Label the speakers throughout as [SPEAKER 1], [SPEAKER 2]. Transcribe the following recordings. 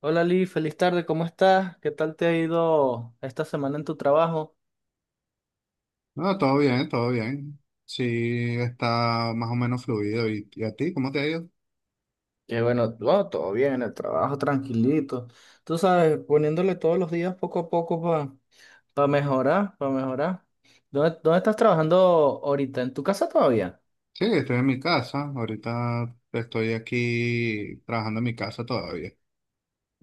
[SPEAKER 1] Hola Lee, feliz tarde, ¿cómo estás? ¿Qué tal te ha ido esta semana en tu trabajo?
[SPEAKER 2] No, todo bien, todo bien. Sí, está más o menos fluido. ¿Y a ti, cómo te ha ido?
[SPEAKER 1] Que bueno, bueno, todo bien, el trabajo tranquilito. Tú sabes, poniéndole todos los días poco a poco para mejorar, para mejorar. ¿Dónde estás trabajando ahorita? ¿En tu casa todavía?
[SPEAKER 2] Sí, estoy en mi casa. Ahorita estoy aquí trabajando en mi casa todavía.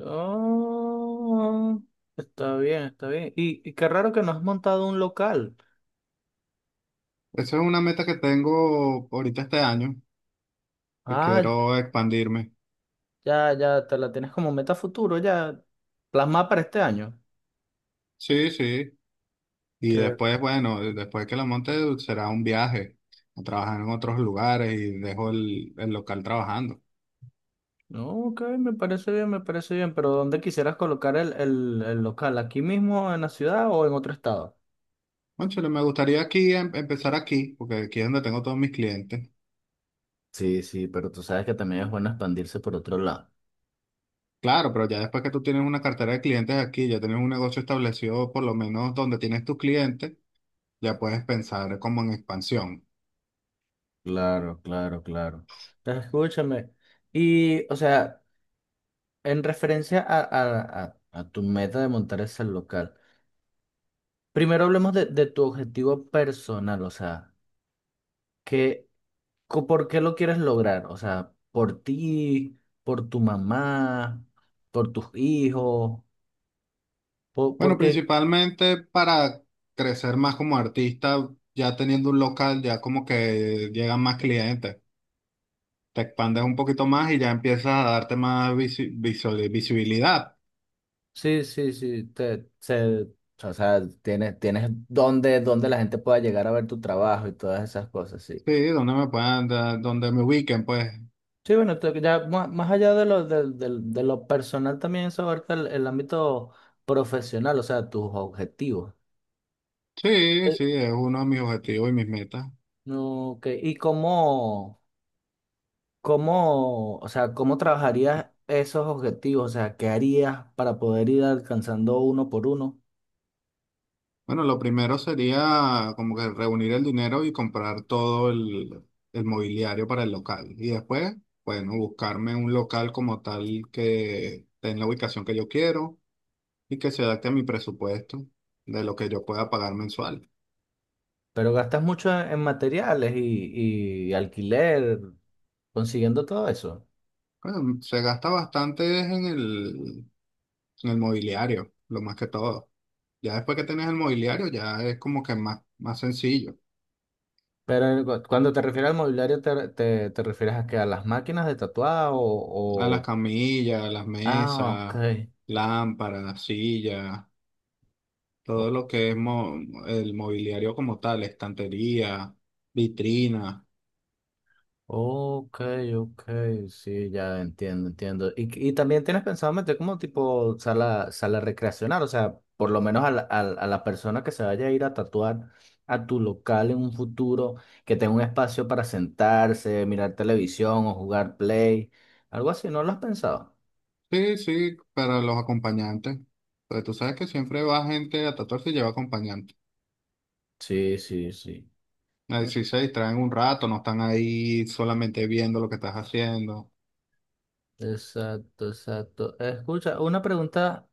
[SPEAKER 1] Oh, está bien, está bien. Y qué raro que no has montado un local.
[SPEAKER 2] Esa es una meta que tengo ahorita este año, que
[SPEAKER 1] Ah,
[SPEAKER 2] quiero expandirme.
[SPEAKER 1] ya, ya, te la tienes como meta futuro, ya plasmada para este año.
[SPEAKER 2] Sí, sí. Y después, bueno, después que la monte será un viaje a trabajar en otros lugares y dejo el local trabajando.
[SPEAKER 1] No, ok, me parece bien, pero ¿dónde quisieras colocar el local? ¿Aquí mismo en la ciudad o en otro estado?
[SPEAKER 2] Cónchale, me gustaría aquí empezar aquí, porque aquí es donde tengo todos mis clientes.
[SPEAKER 1] Sí, sí, pero tú sabes que también es bueno expandirse por otro lado.
[SPEAKER 2] Claro, pero ya después que tú tienes una cartera de clientes aquí, ya tienes un negocio establecido, por lo menos donde tienes tus clientes, ya puedes pensar como en expansión.
[SPEAKER 1] Claro, claro, claro. Entonces, escúchame. Y, o sea, en referencia a, a tu meta de montar ese local, primero hablemos de tu objetivo personal, o sea, ¿qué, por qué lo quieres lograr? O sea, por ti, por tu mamá, por tus hijos,
[SPEAKER 2] Bueno,
[SPEAKER 1] porque
[SPEAKER 2] principalmente para crecer más como artista, ya teniendo un local, ya como que llegan más clientes, te expandes un poquito más y ya empiezas a darte más visibilidad.
[SPEAKER 1] sí, sí, sí, te, se, o sea, tienes, tienes donde, donde la gente pueda llegar a ver tu trabajo y todas esas cosas, sí.
[SPEAKER 2] Sí, donde me puedan dar, donde me ubiquen, pues.
[SPEAKER 1] Sí, bueno, ya más, más allá de lo, de, de lo personal también eso abarca el ámbito profesional, o sea, tus objetivos.
[SPEAKER 2] Sí,
[SPEAKER 1] Sí.
[SPEAKER 2] sí, es uno de mis objetivos y mis metas.
[SPEAKER 1] Ok, ¿y cómo, cómo, o sea, cómo trabajarías esos objetivos? O sea, ¿qué harías para poder ir alcanzando uno por uno?
[SPEAKER 2] Bueno, lo primero sería como que reunir el dinero y comprar todo el mobiliario para el local. Y después, bueno, buscarme un local como tal que tenga la ubicación que yo quiero y que se adapte a mi presupuesto de lo que yo pueda pagar mensual.
[SPEAKER 1] Pero gastas mucho en materiales y alquiler consiguiendo todo eso.
[SPEAKER 2] Bueno, se gasta bastante es en el mobiliario, lo más que todo. Ya después que tenés el mobiliario, ya es como que más, más sencillo.
[SPEAKER 1] Pero cuando te refieres al mobiliario, ¿te refieres a que a las máquinas de tatuar
[SPEAKER 2] A las
[SPEAKER 1] o-
[SPEAKER 2] camillas, las
[SPEAKER 1] ah, ok.
[SPEAKER 2] mesas, lámparas, sillas.
[SPEAKER 1] O-
[SPEAKER 2] Todo lo que es el mobiliario como tal, estantería, vitrina.
[SPEAKER 1] ok, ok, sí, ya entiendo, entiendo. Y también tienes pensado meter como tipo sala, sala recreacional, o sea, por lo menos a la, a, la a la persona que se vaya a ir a tatuar a tu local en un futuro, que tenga un espacio para sentarse, mirar televisión o jugar play, algo así, ¿no lo has pensado?
[SPEAKER 2] Sí, sí, para los acompañantes. Porque tú sabes que siempre va gente a tatuarse y lleva acompañante.
[SPEAKER 1] Sí, sí, sí.
[SPEAKER 2] Así se distraen un rato, no están ahí solamente viendo lo que estás haciendo.
[SPEAKER 1] Exacto, exacto. Escucha, una pregunta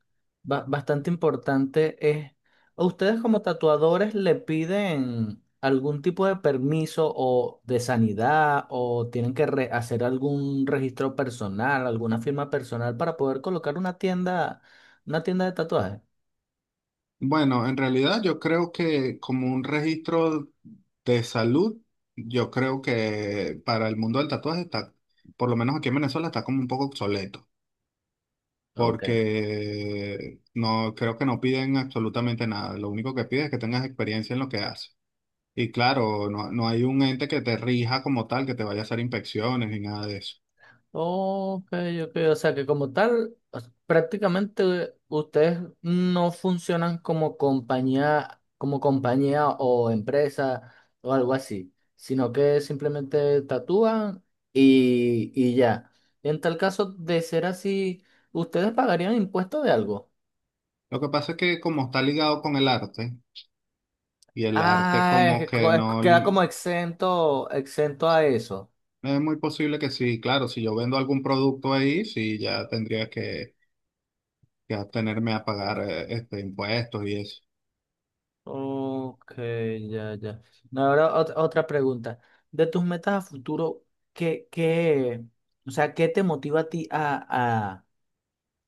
[SPEAKER 1] bastante importante es, ¿a ustedes como tatuadores le piden algún tipo de permiso o de sanidad o tienen que hacer algún registro personal, alguna firma personal para poder colocar una tienda de tatuajes?
[SPEAKER 2] Bueno, en realidad yo creo que como un registro de salud, yo creo que para el mundo del tatuaje está, por lo menos aquí en Venezuela, está como un poco obsoleto. Porque no creo que no piden absolutamente nada. Lo único que piden es que tengas experiencia en lo que haces. Y claro, no, no hay un ente que te rija como tal, que te vaya a hacer inspecciones ni nada de eso.
[SPEAKER 1] Ok, ok, o sea que como tal, o sea, prácticamente ustedes no funcionan como compañía o empresa o algo así, sino que simplemente tatúan y ya. En tal caso de ser así, ¿ustedes pagarían impuestos de algo?
[SPEAKER 2] Lo que pasa es que como está ligado con el arte, y el arte
[SPEAKER 1] Ah, es
[SPEAKER 2] como
[SPEAKER 1] que
[SPEAKER 2] que no...
[SPEAKER 1] queda
[SPEAKER 2] li-
[SPEAKER 1] como exento, exento a eso.
[SPEAKER 2] Es muy posible que sí, claro, si yo vendo algún producto ahí, sí, ya tendría que atenerme a pagar este, impuestos y eso.
[SPEAKER 1] Ok, ya, ya. No, ahora otra pregunta. De tus metas a futuro, ¿qué, qué, o sea, qué te motiva a ti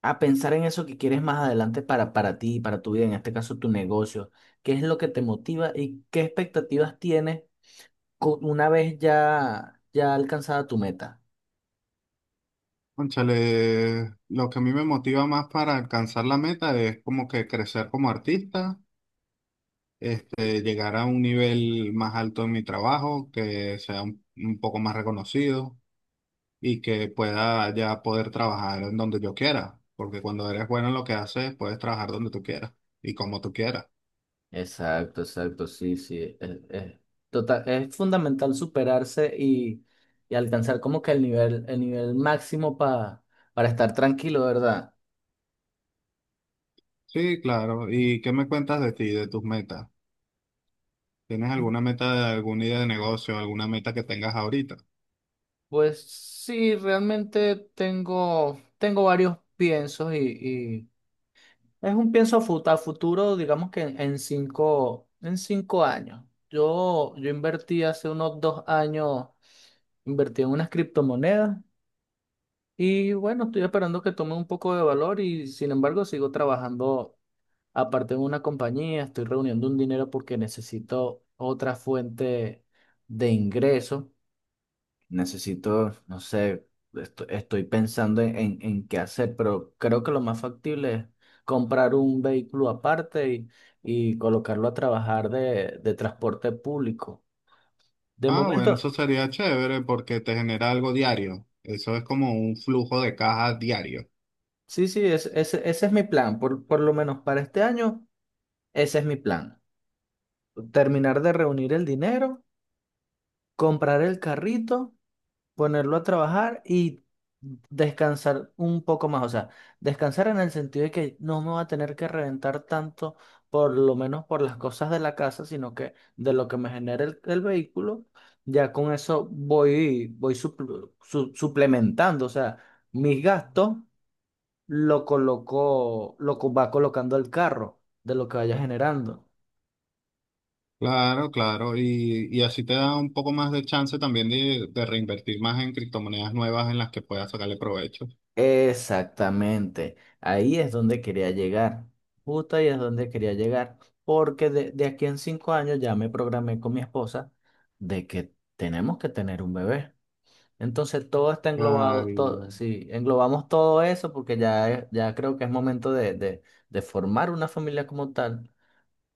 [SPEAKER 1] a pensar en eso que quieres más adelante para ti, para tu vida, en este caso tu negocio? ¿Qué es lo que te motiva y qué expectativas tienes una vez ya, ya alcanzada tu meta?
[SPEAKER 2] Cónchale, lo que a mí me motiva más para alcanzar la meta es como que crecer como artista, este, llegar a un nivel más alto en mi trabajo, que sea un poco más reconocido y que pueda ya poder trabajar en donde yo quiera, porque cuando eres bueno en lo que haces, puedes trabajar donde tú quieras y como tú quieras.
[SPEAKER 1] Exacto, exacto, sí, sí. Es total, es fundamental superarse y alcanzar como que el nivel máximo para estar tranquilo, ¿verdad?
[SPEAKER 2] Sí, claro. ¿Y qué me cuentas de ti, de tus metas? ¿Tienes alguna meta, alguna idea de negocio, alguna meta que tengas ahorita?
[SPEAKER 1] Pues sí, realmente tengo, tengo varios piensos y es un pienso a futuro, digamos que en cinco, en 5 años. Yo invertí hace unos 2 años, invertí en unas criptomonedas. Y bueno, estoy esperando que tome un poco de valor y sin embargo sigo trabajando aparte en una compañía, estoy reuniendo un dinero porque necesito otra fuente de ingreso, necesito, no sé, estoy pensando en qué hacer, pero creo que lo más factible es comprar un vehículo aparte y colocarlo a trabajar de transporte público. De
[SPEAKER 2] Ah, bueno, eso
[SPEAKER 1] momento,
[SPEAKER 2] sería chévere porque te genera algo diario. Eso es como un flujo de caja diario.
[SPEAKER 1] sí, sí, ese ese es mi plan, por lo menos para este año, ese es mi plan. Terminar de reunir el dinero, comprar el carrito, ponerlo a trabajar y descansar un poco más. O sea, descansar en el sentido de que no me va a tener que reventar tanto, por lo menos por las cosas de la casa, sino que de lo que me genere el vehículo, ya con eso voy, voy suplementando. O sea, mis gastos lo coloco, va colocando el carro de lo que vaya generando.
[SPEAKER 2] Claro, claro. Y así te da un poco más de chance también de reinvertir más en criptomonedas nuevas en las que puedas sacarle provecho.
[SPEAKER 1] Exactamente, ahí es donde quería llegar, justo ahí es donde quería llegar, porque de aquí en 5 años ya me programé con mi esposa de que tenemos que tener un bebé. Entonces todo está englobado,
[SPEAKER 2] Ay,
[SPEAKER 1] todo,
[SPEAKER 2] ya.
[SPEAKER 1] sí, englobamos todo eso porque ya, ya creo que es momento de formar una familia como tal.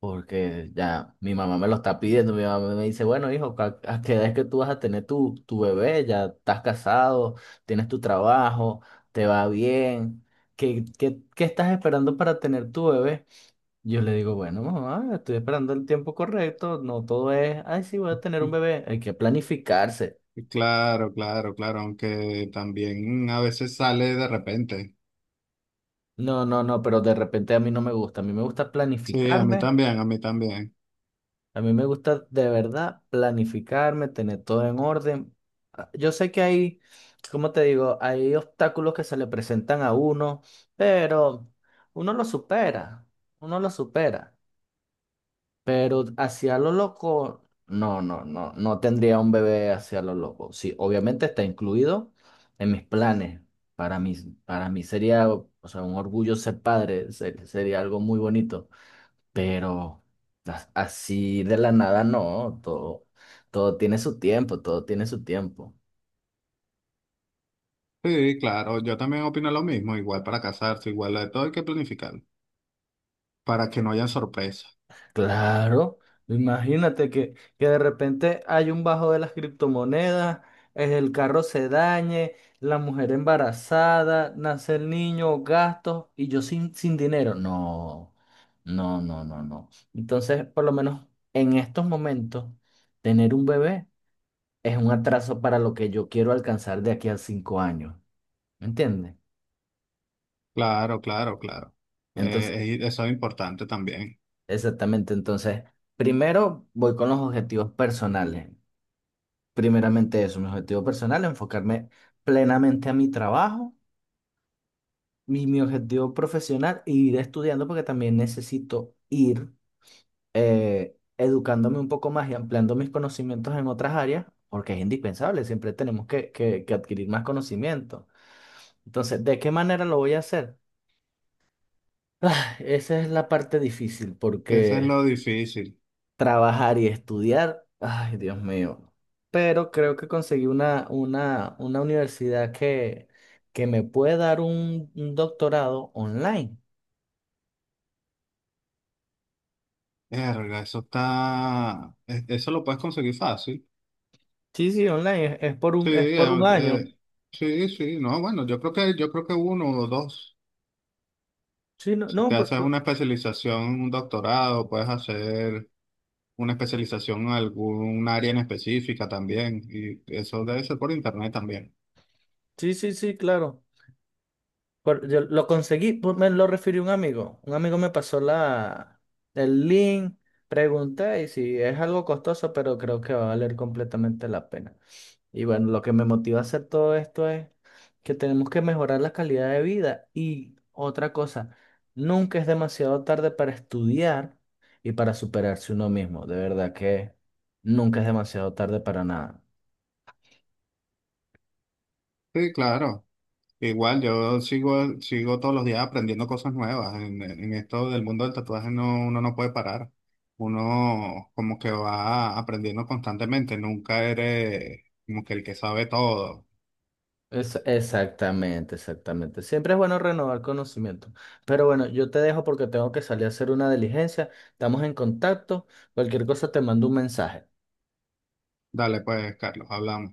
[SPEAKER 1] Porque ya mi mamá me lo está pidiendo, mi mamá me dice, bueno, hijo, a qué edad es que tú vas a tener tu, tu bebé? Ya estás casado, tienes tu trabajo, te va bien. ¿Qué, qué, qué estás esperando para tener tu bebé? Yo le digo, bueno, mamá, estoy esperando el tiempo correcto, no todo es, ay, sí, voy a tener un bebé, hay que planificarse.
[SPEAKER 2] Claro, claro, claro. Aunque también a veces sale de repente.
[SPEAKER 1] No, no, no, pero de repente a mí no me gusta, a mí me gusta
[SPEAKER 2] Sí, a mí
[SPEAKER 1] planificarme.
[SPEAKER 2] también, a mí también.
[SPEAKER 1] A mí me gusta de verdad planificarme, tener todo en orden. Ah, yo sé que hay, como te digo, hay obstáculos que se le presentan a uno, pero uno lo supera, uno lo supera. Pero hacia lo loco, no, no, no, no tendría un bebé hacia lo loco. Sí, obviamente está incluido en mis planes. Para mí, para mí sería, o sea, un orgullo ser padre, sería algo muy bonito, pero así de la nada no, todo, todo tiene su tiempo, todo tiene su tiempo.
[SPEAKER 2] Sí, claro, yo también opino lo mismo. Igual para casarse, igual de todo hay que planificar para que no haya sorpresas.
[SPEAKER 1] Claro, imagínate que de repente hay un bajo de las criptomonedas, el carro se dañe, la mujer embarazada, nace el niño, gastos y yo sin, sin dinero. No, no, no, no, no. Entonces, por lo menos en estos momentos, tener un bebé es un atraso para lo que yo quiero alcanzar de aquí a 5 años. ¿Me entiendes?
[SPEAKER 2] Claro, claro, claro.
[SPEAKER 1] Entonces,
[SPEAKER 2] Eso es importante también.
[SPEAKER 1] exactamente, entonces, primero voy con los objetivos personales. Primeramente eso, mi objetivo personal, enfocarme plenamente a mi trabajo, mi objetivo profesional, e ir estudiando porque también necesito ir educándome un poco más y ampliando mis conocimientos en otras áreas, porque es indispensable, siempre tenemos que adquirir más conocimiento. Entonces, ¿de qué manera lo voy a hacer? Ah, esa es la parte difícil,
[SPEAKER 2] Eso es
[SPEAKER 1] porque
[SPEAKER 2] lo difícil.
[SPEAKER 1] trabajar y estudiar. Ay, Dios mío. Pero creo que conseguí una universidad que me puede dar un doctorado online.
[SPEAKER 2] Verga, eso está. Eso lo puedes conseguir fácil.
[SPEAKER 1] Sí, sí, online.
[SPEAKER 2] Sí,
[SPEAKER 1] Es por un año.
[SPEAKER 2] sí, sí. No, bueno, yo creo que uno o dos.
[SPEAKER 1] Sí, no,
[SPEAKER 2] Si
[SPEAKER 1] no,
[SPEAKER 2] te haces una especialización, un doctorado, puedes hacer una especialización en algún área en específica también. Y eso debe ser por internet también.
[SPEAKER 1] sí, sí, sí, claro. Por- yo lo conseguí, pues, me lo refirió un amigo. Un amigo me pasó la, el link, pregunté y si es algo costoso, pero creo que va a valer completamente la pena. Y bueno, lo que me motiva a hacer todo esto es que tenemos que mejorar la calidad de vida. Y otra cosa, nunca es demasiado tarde para estudiar y para superarse uno mismo. De verdad que nunca es demasiado tarde para nada.
[SPEAKER 2] Sí, claro. Igual, yo sigo, sigo todos los días aprendiendo cosas nuevas. En esto del mundo del tatuaje no, uno no puede parar. Uno como que va aprendiendo constantemente. Nunca eres como que el que sabe todo.
[SPEAKER 1] Exactamente, exactamente. Siempre es bueno renovar conocimiento. Pero bueno, yo te dejo porque tengo que salir a hacer una diligencia. Estamos en contacto. Cualquier cosa te mando un mensaje.
[SPEAKER 2] Dale pues, Carlos, hablamos.